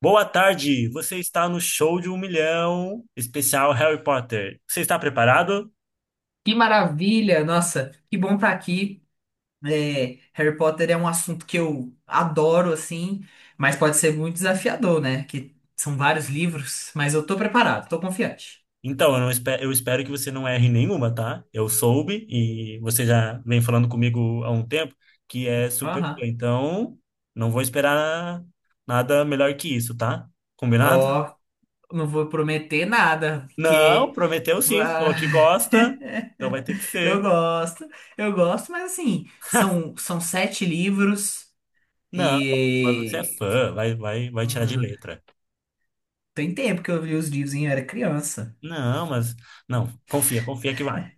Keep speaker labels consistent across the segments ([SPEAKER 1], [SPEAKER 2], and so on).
[SPEAKER 1] Boa tarde, você está no Show de um Milhão, especial Harry Potter. Você está preparado?
[SPEAKER 2] Que maravilha! Nossa, que bom estar aqui. É, Harry Potter é um assunto que eu adoro, assim, mas pode ser muito desafiador, né? Que são vários livros, mas eu tô preparado, tô confiante.
[SPEAKER 1] Então, eu espero que você não erre nenhuma, tá? Eu soube e você já vem falando comigo há um tempo que é super fã,
[SPEAKER 2] Aham.
[SPEAKER 1] então não vou esperar nada melhor que isso, tá? Combinado?
[SPEAKER 2] Ó, não vou prometer nada,
[SPEAKER 1] Não,
[SPEAKER 2] porque.
[SPEAKER 1] prometeu sim, você
[SPEAKER 2] Ah,
[SPEAKER 1] falou que gosta, então vai ter que
[SPEAKER 2] eu
[SPEAKER 1] ser.
[SPEAKER 2] gosto, eu gosto, mas assim, são sete livros
[SPEAKER 1] Não, mas você é
[SPEAKER 2] e.
[SPEAKER 1] fã, vai tirar de
[SPEAKER 2] hum,
[SPEAKER 1] letra.
[SPEAKER 2] Tem tempo que eu li os livros, hein? Eu era criança.
[SPEAKER 1] Não, mas não, confia que vai.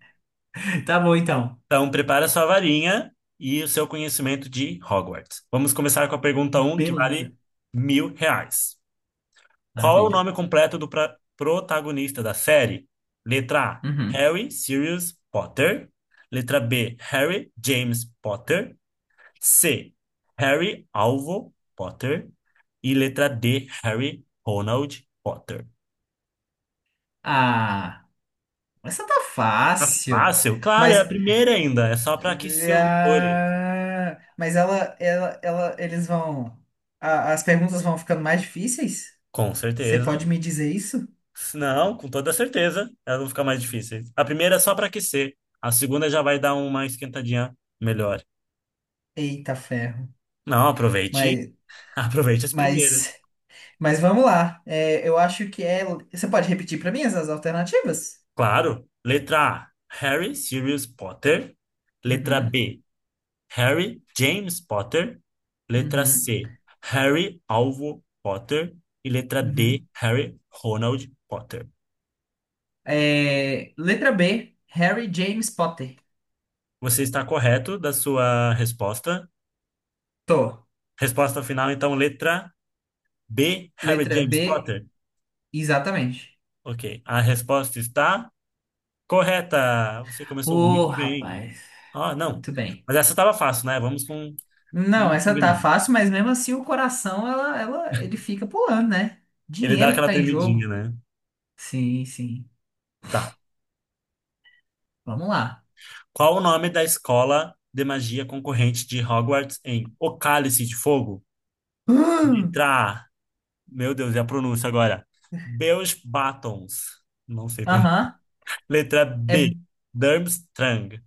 [SPEAKER 2] Tá bom, então.
[SPEAKER 1] Então, prepara sua varinha e o seu conhecimento de Hogwarts. Vamos começar com a pergunta um que
[SPEAKER 2] Beleza.
[SPEAKER 1] vale mil reais. Qual é o
[SPEAKER 2] Maravilha.
[SPEAKER 1] nome completo do protagonista da série? Letra A,
[SPEAKER 2] Uhum.
[SPEAKER 1] Harry Sirius Potter. Letra B, Harry James Potter. C, Harry Alvo Potter. E letra D, Harry Ronald Potter.
[SPEAKER 2] Ah, essa tá
[SPEAKER 1] Tá
[SPEAKER 2] fácil.
[SPEAKER 1] fácil? Claro, é a
[SPEAKER 2] Mas,
[SPEAKER 1] primeira ainda. É só para
[SPEAKER 2] eh,
[SPEAKER 1] aquecer os motores.
[SPEAKER 2] ah, mas eles vão. As perguntas vão ficando mais difíceis?
[SPEAKER 1] Com
[SPEAKER 2] Você pode
[SPEAKER 1] certeza.
[SPEAKER 2] me dizer isso?
[SPEAKER 1] Não, com toda certeza, elas vão ficar mais difíceis. A primeira é só para aquecer, a segunda já vai dar uma esquentadinha melhor.
[SPEAKER 2] Eita ferro.
[SPEAKER 1] Não, aproveite,
[SPEAKER 2] Mas,
[SPEAKER 1] aproveite as primeiras.
[SPEAKER 2] mas, mas vamos lá. É, eu acho que é. Você pode repetir para mim essas alternativas?
[SPEAKER 1] Claro, letra A, Harry Sirius Potter. Letra
[SPEAKER 2] Uhum,
[SPEAKER 1] B, Harry James Potter. Letra
[SPEAKER 2] uhum,
[SPEAKER 1] C, Harry Alvo Potter. E letra D,
[SPEAKER 2] uhum.
[SPEAKER 1] Harry Ronald Potter.
[SPEAKER 2] É, letra B, Harry James Potter.
[SPEAKER 1] Você está correto da sua resposta.
[SPEAKER 2] Tô.
[SPEAKER 1] Resposta final, então, letra B, Harry
[SPEAKER 2] Letra
[SPEAKER 1] James
[SPEAKER 2] B,
[SPEAKER 1] Potter.
[SPEAKER 2] exatamente.
[SPEAKER 1] Ok. A resposta está correta. Você começou
[SPEAKER 2] Ô,
[SPEAKER 1] muito bem.
[SPEAKER 2] rapaz.
[SPEAKER 1] Ah, não.
[SPEAKER 2] Muito bem.
[SPEAKER 1] Mas essa estava fácil, né? Vamos com...
[SPEAKER 2] Não,
[SPEAKER 1] Vamos
[SPEAKER 2] essa tá
[SPEAKER 1] combinar.
[SPEAKER 2] fácil, mas mesmo assim o coração, ele fica pulando, né?
[SPEAKER 1] Ele dá
[SPEAKER 2] Dinheiro que
[SPEAKER 1] aquela
[SPEAKER 2] tá em
[SPEAKER 1] tremidinha,
[SPEAKER 2] jogo.
[SPEAKER 1] né?
[SPEAKER 2] Sim, sim.
[SPEAKER 1] Tá.
[SPEAKER 2] Vamos lá.
[SPEAKER 1] Qual o nome da escola de magia concorrente de Hogwarts em O Cálice de Fogo?
[SPEAKER 2] Hum,
[SPEAKER 1] Letra A. Meu Deus, e a pronúncia agora? Beus Batons. Não sei pronunciar.
[SPEAKER 2] aham.
[SPEAKER 1] Letra
[SPEAKER 2] É.
[SPEAKER 1] B, Durmstrang.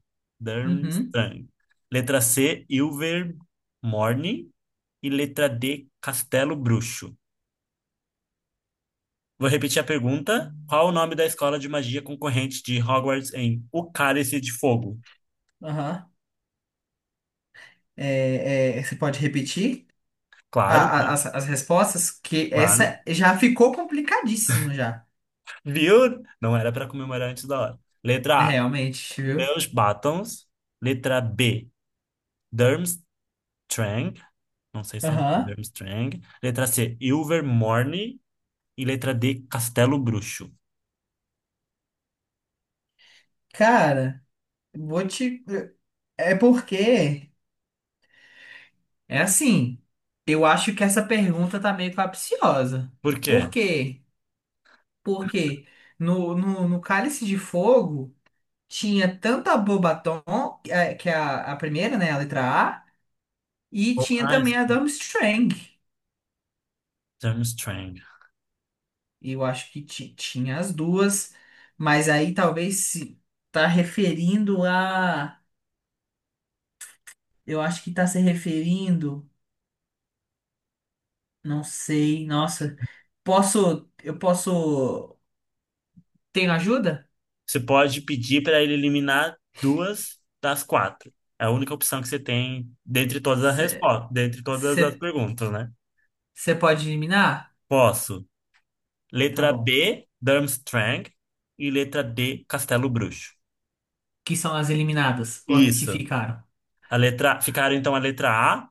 [SPEAKER 2] Uhum.
[SPEAKER 1] Durmstrang. Letra C, Ilvermorny. E letra D, Castelo Bruxo. Vou repetir a pergunta. Qual o nome da escola de magia concorrente de Hogwarts em O Cálice de Fogo?
[SPEAKER 2] Aham. Você pode repetir a-
[SPEAKER 1] Claro,
[SPEAKER 2] a- as, as respostas? Que
[SPEAKER 1] claro.
[SPEAKER 2] essa já ficou complicadíssimo já.
[SPEAKER 1] Viu? Não era para comemorar antes da hora. Letra A,
[SPEAKER 2] Realmente, viu?
[SPEAKER 1] Bellebatons. Letra B, Durmstrang. Não sei se é
[SPEAKER 2] Aham.
[SPEAKER 1] Durmstrang. Letra C, Ilvermorny. E letra D, Castelo Bruxo.
[SPEAKER 2] Cara, vou te. É porque. É assim, eu acho que essa pergunta tá meio capciosa.
[SPEAKER 1] Por quê?
[SPEAKER 2] Por quê? Porque no Cálice de Fogo tinha tanto a Bobaton, que é a primeira, né, a letra A, e tinha
[SPEAKER 1] Ah,
[SPEAKER 2] também a Durmstrang.
[SPEAKER 1] Strang.
[SPEAKER 2] Eu acho que tinha as duas, mas aí talvez se tá referindo a... Eu acho que tá se referindo, não sei, nossa. Eu posso... Tenho ajuda?
[SPEAKER 1] Você pode pedir para ele eliminar duas das quatro. É a única opção que você tem dentre todas as
[SPEAKER 2] Você
[SPEAKER 1] respostas, dentre todas as perguntas, né?
[SPEAKER 2] Você pode eliminar?
[SPEAKER 1] Posso.
[SPEAKER 2] Tá
[SPEAKER 1] Letra
[SPEAKER 2] bom.
[SPEAKER 1] B, Durmstrang. E letra D, Castelo Bruxo.
[SPEAKER 2] Que são as eliminadas, ou as que
[SPEAKER 1] Isso.
[SPEAKER 2] ficaram?
[SPEAKER 1] A letra... Ficaram, então, a letra A,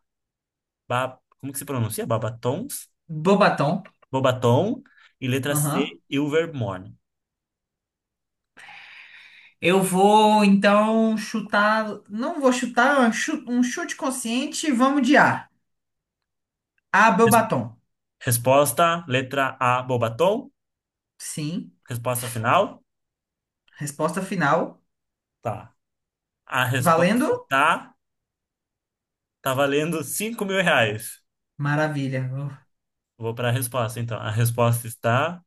[SPEAKER 1] como que se pronuncia? Babatons?
[SPEAKER 2] Bobaton.
[SPEAKER 1] Bobaton. E letra
[SPEAKER 2] Aham.
[SPEAKER 1] C, Ilvermorny.
[SPEAKER 2] Eu vou então chutar. Não vou chutar, é um um chute consciente. Vamos de A. A,
[SPEAKER 1] Res-
[SPEAKER 2] Bobaton.
[SPEAKER 1] Resposta, letra A, Bobaton.
[SPEAKER 2] Sim.
[SPEAKER 1] Resposta final?
[SPEAKER 2] Resposta final.
[SPEAKER 1] Tá. A resposta
[SPEAKER 2] Valendo?
[SPEAKER 1] está. Tá valendo 5 mil reais.
[SPEAKER 2] Maravilha.
[SPEAKER 1] Vou para a resposta, então. A resposta está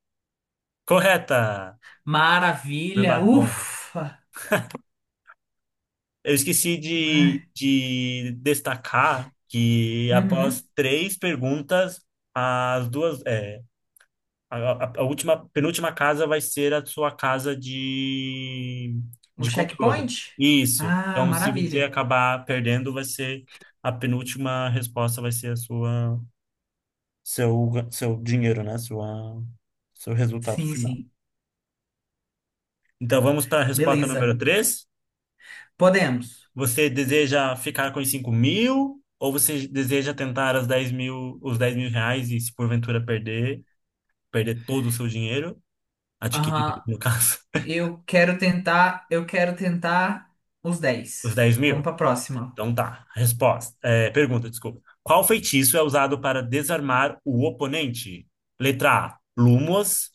[SPEAKER 1] correta, meu
[SPEAKER 2] Maravilha.
[SPEAKER 1] batom.
[SPEAKER 2] Ufa.
[SPEAKER 1] Eu esqueci de,
[SPEAKER 2] Ai.
[SPEAKER 1] de destacar que após
[SPEAKER 2] Uhum.
[SPEAKER 1] três perguntas, as duas. É, a, a última, penúltima casa vai ser a sua casa de,
[SPEAKER 2] O
[SPEAKER 1] de controle.
[SPEAKER 2] checkpoint?
[SPEAKER 1] Isso.
[SPEAKER 2] Ah,
[SPEAKER 1] Então, se você
[SPEAKER 2] maravilha.
[SPEAKER 1] acabar perdendo, vai ser a penúltima resposta, vai ser a sua. Seu dinheiro, né? Seu resultado
[SPEAKER 2] Sim,
[SPEAKER 1] final.
[SPEAKER 2] sim.
[SPEAKER 1] Então vamos para a resposta número
[SPEAKER 2] Beleza.
[SPEAKER 1] três.
[SPEAKER 2] Podemos.
[SPEAKER 1] Você deseja ficar com os 5 mil ou você deseja tentar os 10 mil reais e se porventura perder, todo o seu dinheiro, adquirido
[SPEAKER 2] Aham.
[SPEAKER 1] no caso,
[SPEAKER 2] Eu quero tentar os
[SPEAKER 1] os
[SPEAKER 2] 10.
[SPEAKER 1] 10
[SPEAKER 2] Vamos
[SPEAKER 1] mil?
[SPEAKER 2] pra próxima.
[SPEAKER 1] Então tá, pergunta, desculpa. Qual feitiço é usado para desarmar o oponente? Letra A, Lumos.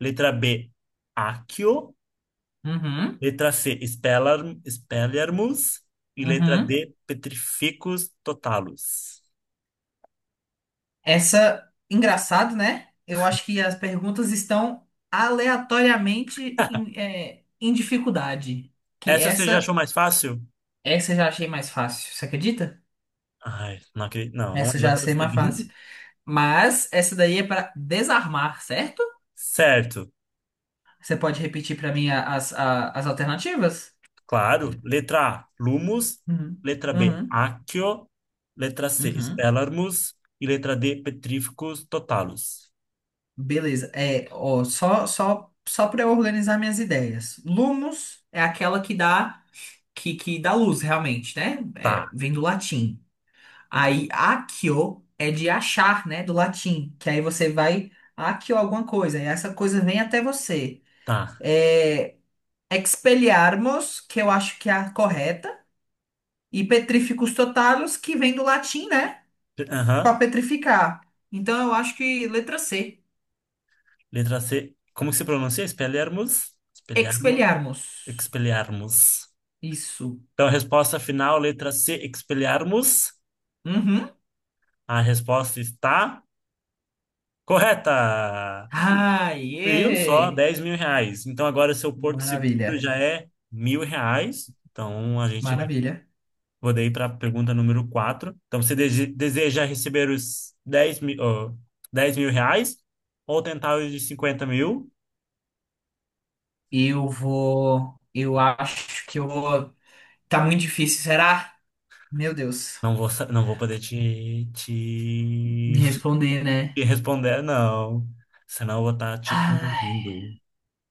[SPEAKER 1] Letra B, Accio.
[SPEAKER 2] Uhum,
[SPEAKER 1] Letra C, Expelliarmus. E letra
[SPEAKER 2] uhum.
[SPEAKER 1] D, Petrificus Totalus.
[SPEAKER 2] Essa, engraçado, né? Eu acho que as perguntas estão aleatoriamente em dificuldade. Que
[SPEAKER 1] Essa você já achou
[SPEAKER 2] essa,
[SPEAKER 1] mais fácil?
[SPEAKER 2] essa eu já achei mais fácil, você acredita?
[SPEAKER 1] Ai, não acredito. Não, não
[SPEAKER 2] Essa eu
[SPEAKER 1] era
[SPEAKER 2] já
[SPEAKER 1] pra
[SPEAKER 2] achei
[SPEAKER 1] ser.
[SPEAKER 2] mais fácil. Mas essa daí é pra desarmar, certo?
[SPEAKER 1] Certo,
[SPEAKER 2] Você pode repetir pra mim as alternativas?
[SPEAKER 1] claro. Letra A, Lumus.
[SPEAKER 2] Uhum,
[SPEAKER 1] Letra B,
[SPEAKER 2] uhum,
[SPEAKER 1] Accio. Letra C,
[SPEAKER 2] uhum.
[SPEAKER 1] Expelliarmus. E letra D, Petrificus Totalus.
[SPEAKER 2] Beleza. É, ó, só para eu organizar minhas ideias. Lumos é aquela que dá luz, realmente, né?
[SPEAKER 1] Tá,
[SPEAKER 2] É, vem do latim. Aí accio é de achar, né? Do latim. Que aí você vai accio alguma coisa. E essa coisa vem até você.
[SPEAKER 1] tá.
[SPEAKER 2] É, expelliarmus, que eu acho que é a correta. E petrificus totalus, que vem do latim, né? Para
[SPEAKER 1] Aham.
[SPEAKER 2] petrificar. Então eu acho que letra C.
[SPEAKER 1] Letra C, como que se pronuncia? Expelliarmus? Expelliarmus?
[SPEAKER 2] Expelliarmus.
[SPEAKER 1] Expelliarmus.
[SPEAKER 2] Isso.
[SPEAKER 1] Então, resposta final, letra C, expelharmos.
[SPEAKER 2] Uhum.
[SPEAKER 1] A resposta está correta.
[SPEAKER 2] Ah,
[SPEAKER 1] Viu? Só
[SPEAKER 2] yeah!
[SPEAKER 1] 10 mil reais. Então, agora seu Porto Seguro
[SPEAKER 2] Maravilha,
[SPEAKER 1] já é mil reais. Então, a gente vai
[SPEAKER 2] maravilha.
[SPEAKER 1] poder ir para a pergunta número quatro. Então, você deseja receber os 10 mil, ó, 10 mil reais ou tentar os de 50 mil?
[SPEAKER 2] Eu vou. Eu acho que eu vou. Tá muito difícil, será? Meu Deus,
[SPEAKER 1] Não vou, não vou poder
[SPEAKER 2] me responder,
[SPEAKER 1] te
[SPEAKER 2] né?
[SPEAKER 1] responder, não. Senão eu vou estar te
[SPEAKER 2] Ai,
[SPEAKER 1] induzindo.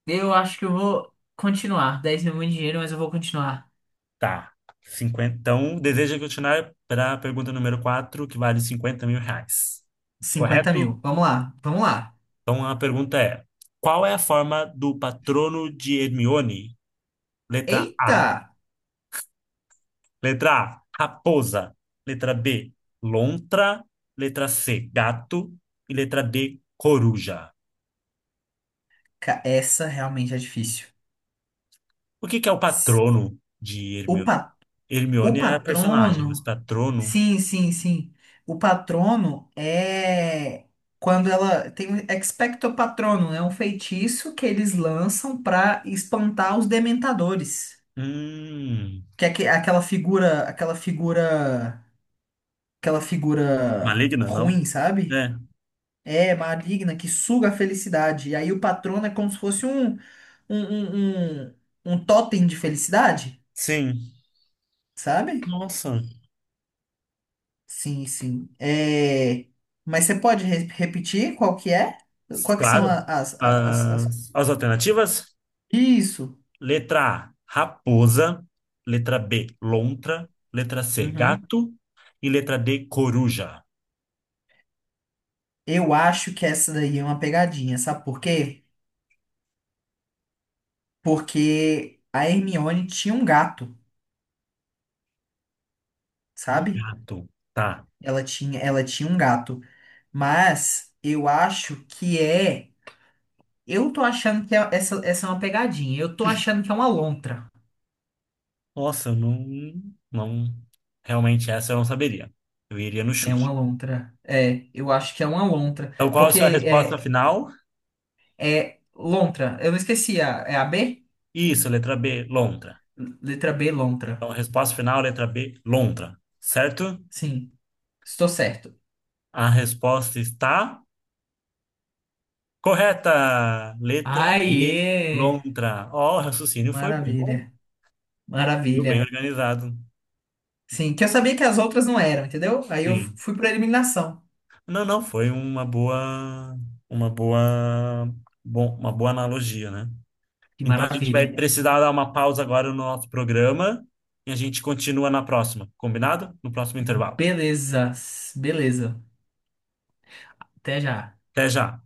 [SPEAKER 2] eu acho que eu vou continuar. 10.000 é muito dinheiro, mas eu vou continuar.
[SPEAKER 1] Tá. 50 Então, deseja continuar para a pergunta número 4 que vale 50 mil reais.
[SPEAKER 2] 50.000.
[SPEAKER 1] Correto?
[SPEAKER 2] Vamos lá, vamos lá.
[SPEAKER 1] Então, a pergunta é: qual é a forma do patrono de Hermione? Letra
[SPEAKER 2] Eita!
[SPEAKER 1] A. Letra A, raposa. Letra B, lontra. Letra C, gato. E letra D, coruja.
[SPEAKER 2] Essa realmente é difícil.
[SPEAKER 1] O que que é o patrono de
[SPEAKER 2] O,
[SPEAKER 1] Hermione?
[SPEAKER 2] pa... o
[SPEAKER 1] Hermione é a personagem, mas
[SPEAKER 2] patrono.
[SPEAKER 1] patrono.
[SPEAKER 2] Sim, sim, sim. O patrono é quando ela tem um expecto patrono é um feitiço que eles lançam para espantar os dementadores,
[SPEAKER 1] Hum.
[SPEAKER 2] que é aquela figura
[SPEAKER 1] Maligna, não?
[SPEAKER 2] ruim, sabe?
[SPEAKER 1] É.
[SPEAKER 2] É maligna que suga a felicidade. E aí o patrono é como se fosse um, um, um, um tótem de felicidade,
[SPEAKER 1] Sim.
[SPEAKER 2] sabe?
[SPEAKER 1] Nossa.
[SPEAKER 2] Sim, sim. É, mas você pode repetir qual que é? Qual que são
[SPEAKER 1] Claro.
[SPEAKER 2] as...
[SPEAKER 1] As alternativas:
[SPEAKER 2] Isso.
[SPEAKER 1] letra A, raposa. Letra B, lontra. Letra C,
[SPEAKER 2] Uhum.
[SPEAKER 1] gato. E letra D, coruja.
[SPEAKER 2] Eu acho que essa daí é uma pegadinha, sabe por quê? Porque a Hermione tinha um gato,
[SPEAKER 1] Um
[SPEAKER 2] sabe?
[SPEAKER 1] gato. Tá.
[SPEAKER 2] Ela tinha um gato. Mas eu acho que é. Eu tô achando que essa é uma pegadinha. Eu tô achando que é uma lontra.
[SPEAKER 1] Nossa, eu não, não. Realmente, essa eu não saberia. Eu iria no
[SPEAKER 2] É uma
[SPEAKER 1] chute.
[SPEAKER 2] lontra. É, eu acho que é uma lontra.
[SPEAKER 1] Então, qual é a
[SPEAKER 2] Porque
[SPEAKER 1] sua resposta
[SPEAKER 2] é.
[SPEAKER 1] final?
[SPEAKER 2] É lontra. Eu não esqueci. É a B?
[SPEAKER 1] Isso, letra B, lontra.
[SPEAKER 2] Letra B, lontra.
[SPEAKER 1] Então, resposta final, letra B, lontra. Certo?
[SPEAKER 2] Sim, estou certo.
[SPEAKER 1] A resposta está. Correta! Letra B,
[SPEAKER 2] Aê!
[SPEAKER 1] lontra. Ó, o raciocínio foi
[SPEAKER 2] Maravilha.
[SPEAKER 1] bom. Deu
[SPEAKER 2] Maravilha.
[SPEAKER 1] bem organizado.
[SPEAKER 2] Sim, que eu sabia que as outras não eram, entendeu? Aí eu
[SPEAKER 1] Sim.
[SPEAKER 2] fui para eliminação.
[SPEAKER 1] Não, não, foi uma boa, uma boa analogia, né?
[SPEAKER 2] Que
[SPEAKER 1] Então a gente vai
[SPEAKER 2] maravilha.
[SPEAKER 1] precisar dar uma pausa agora no nosso programa e a gente continua na próxima, combinado? No próximo intervalo.
[SPEAKER 2] Beleza. Beleza. Até já.
[SPEAKER 1] Até já.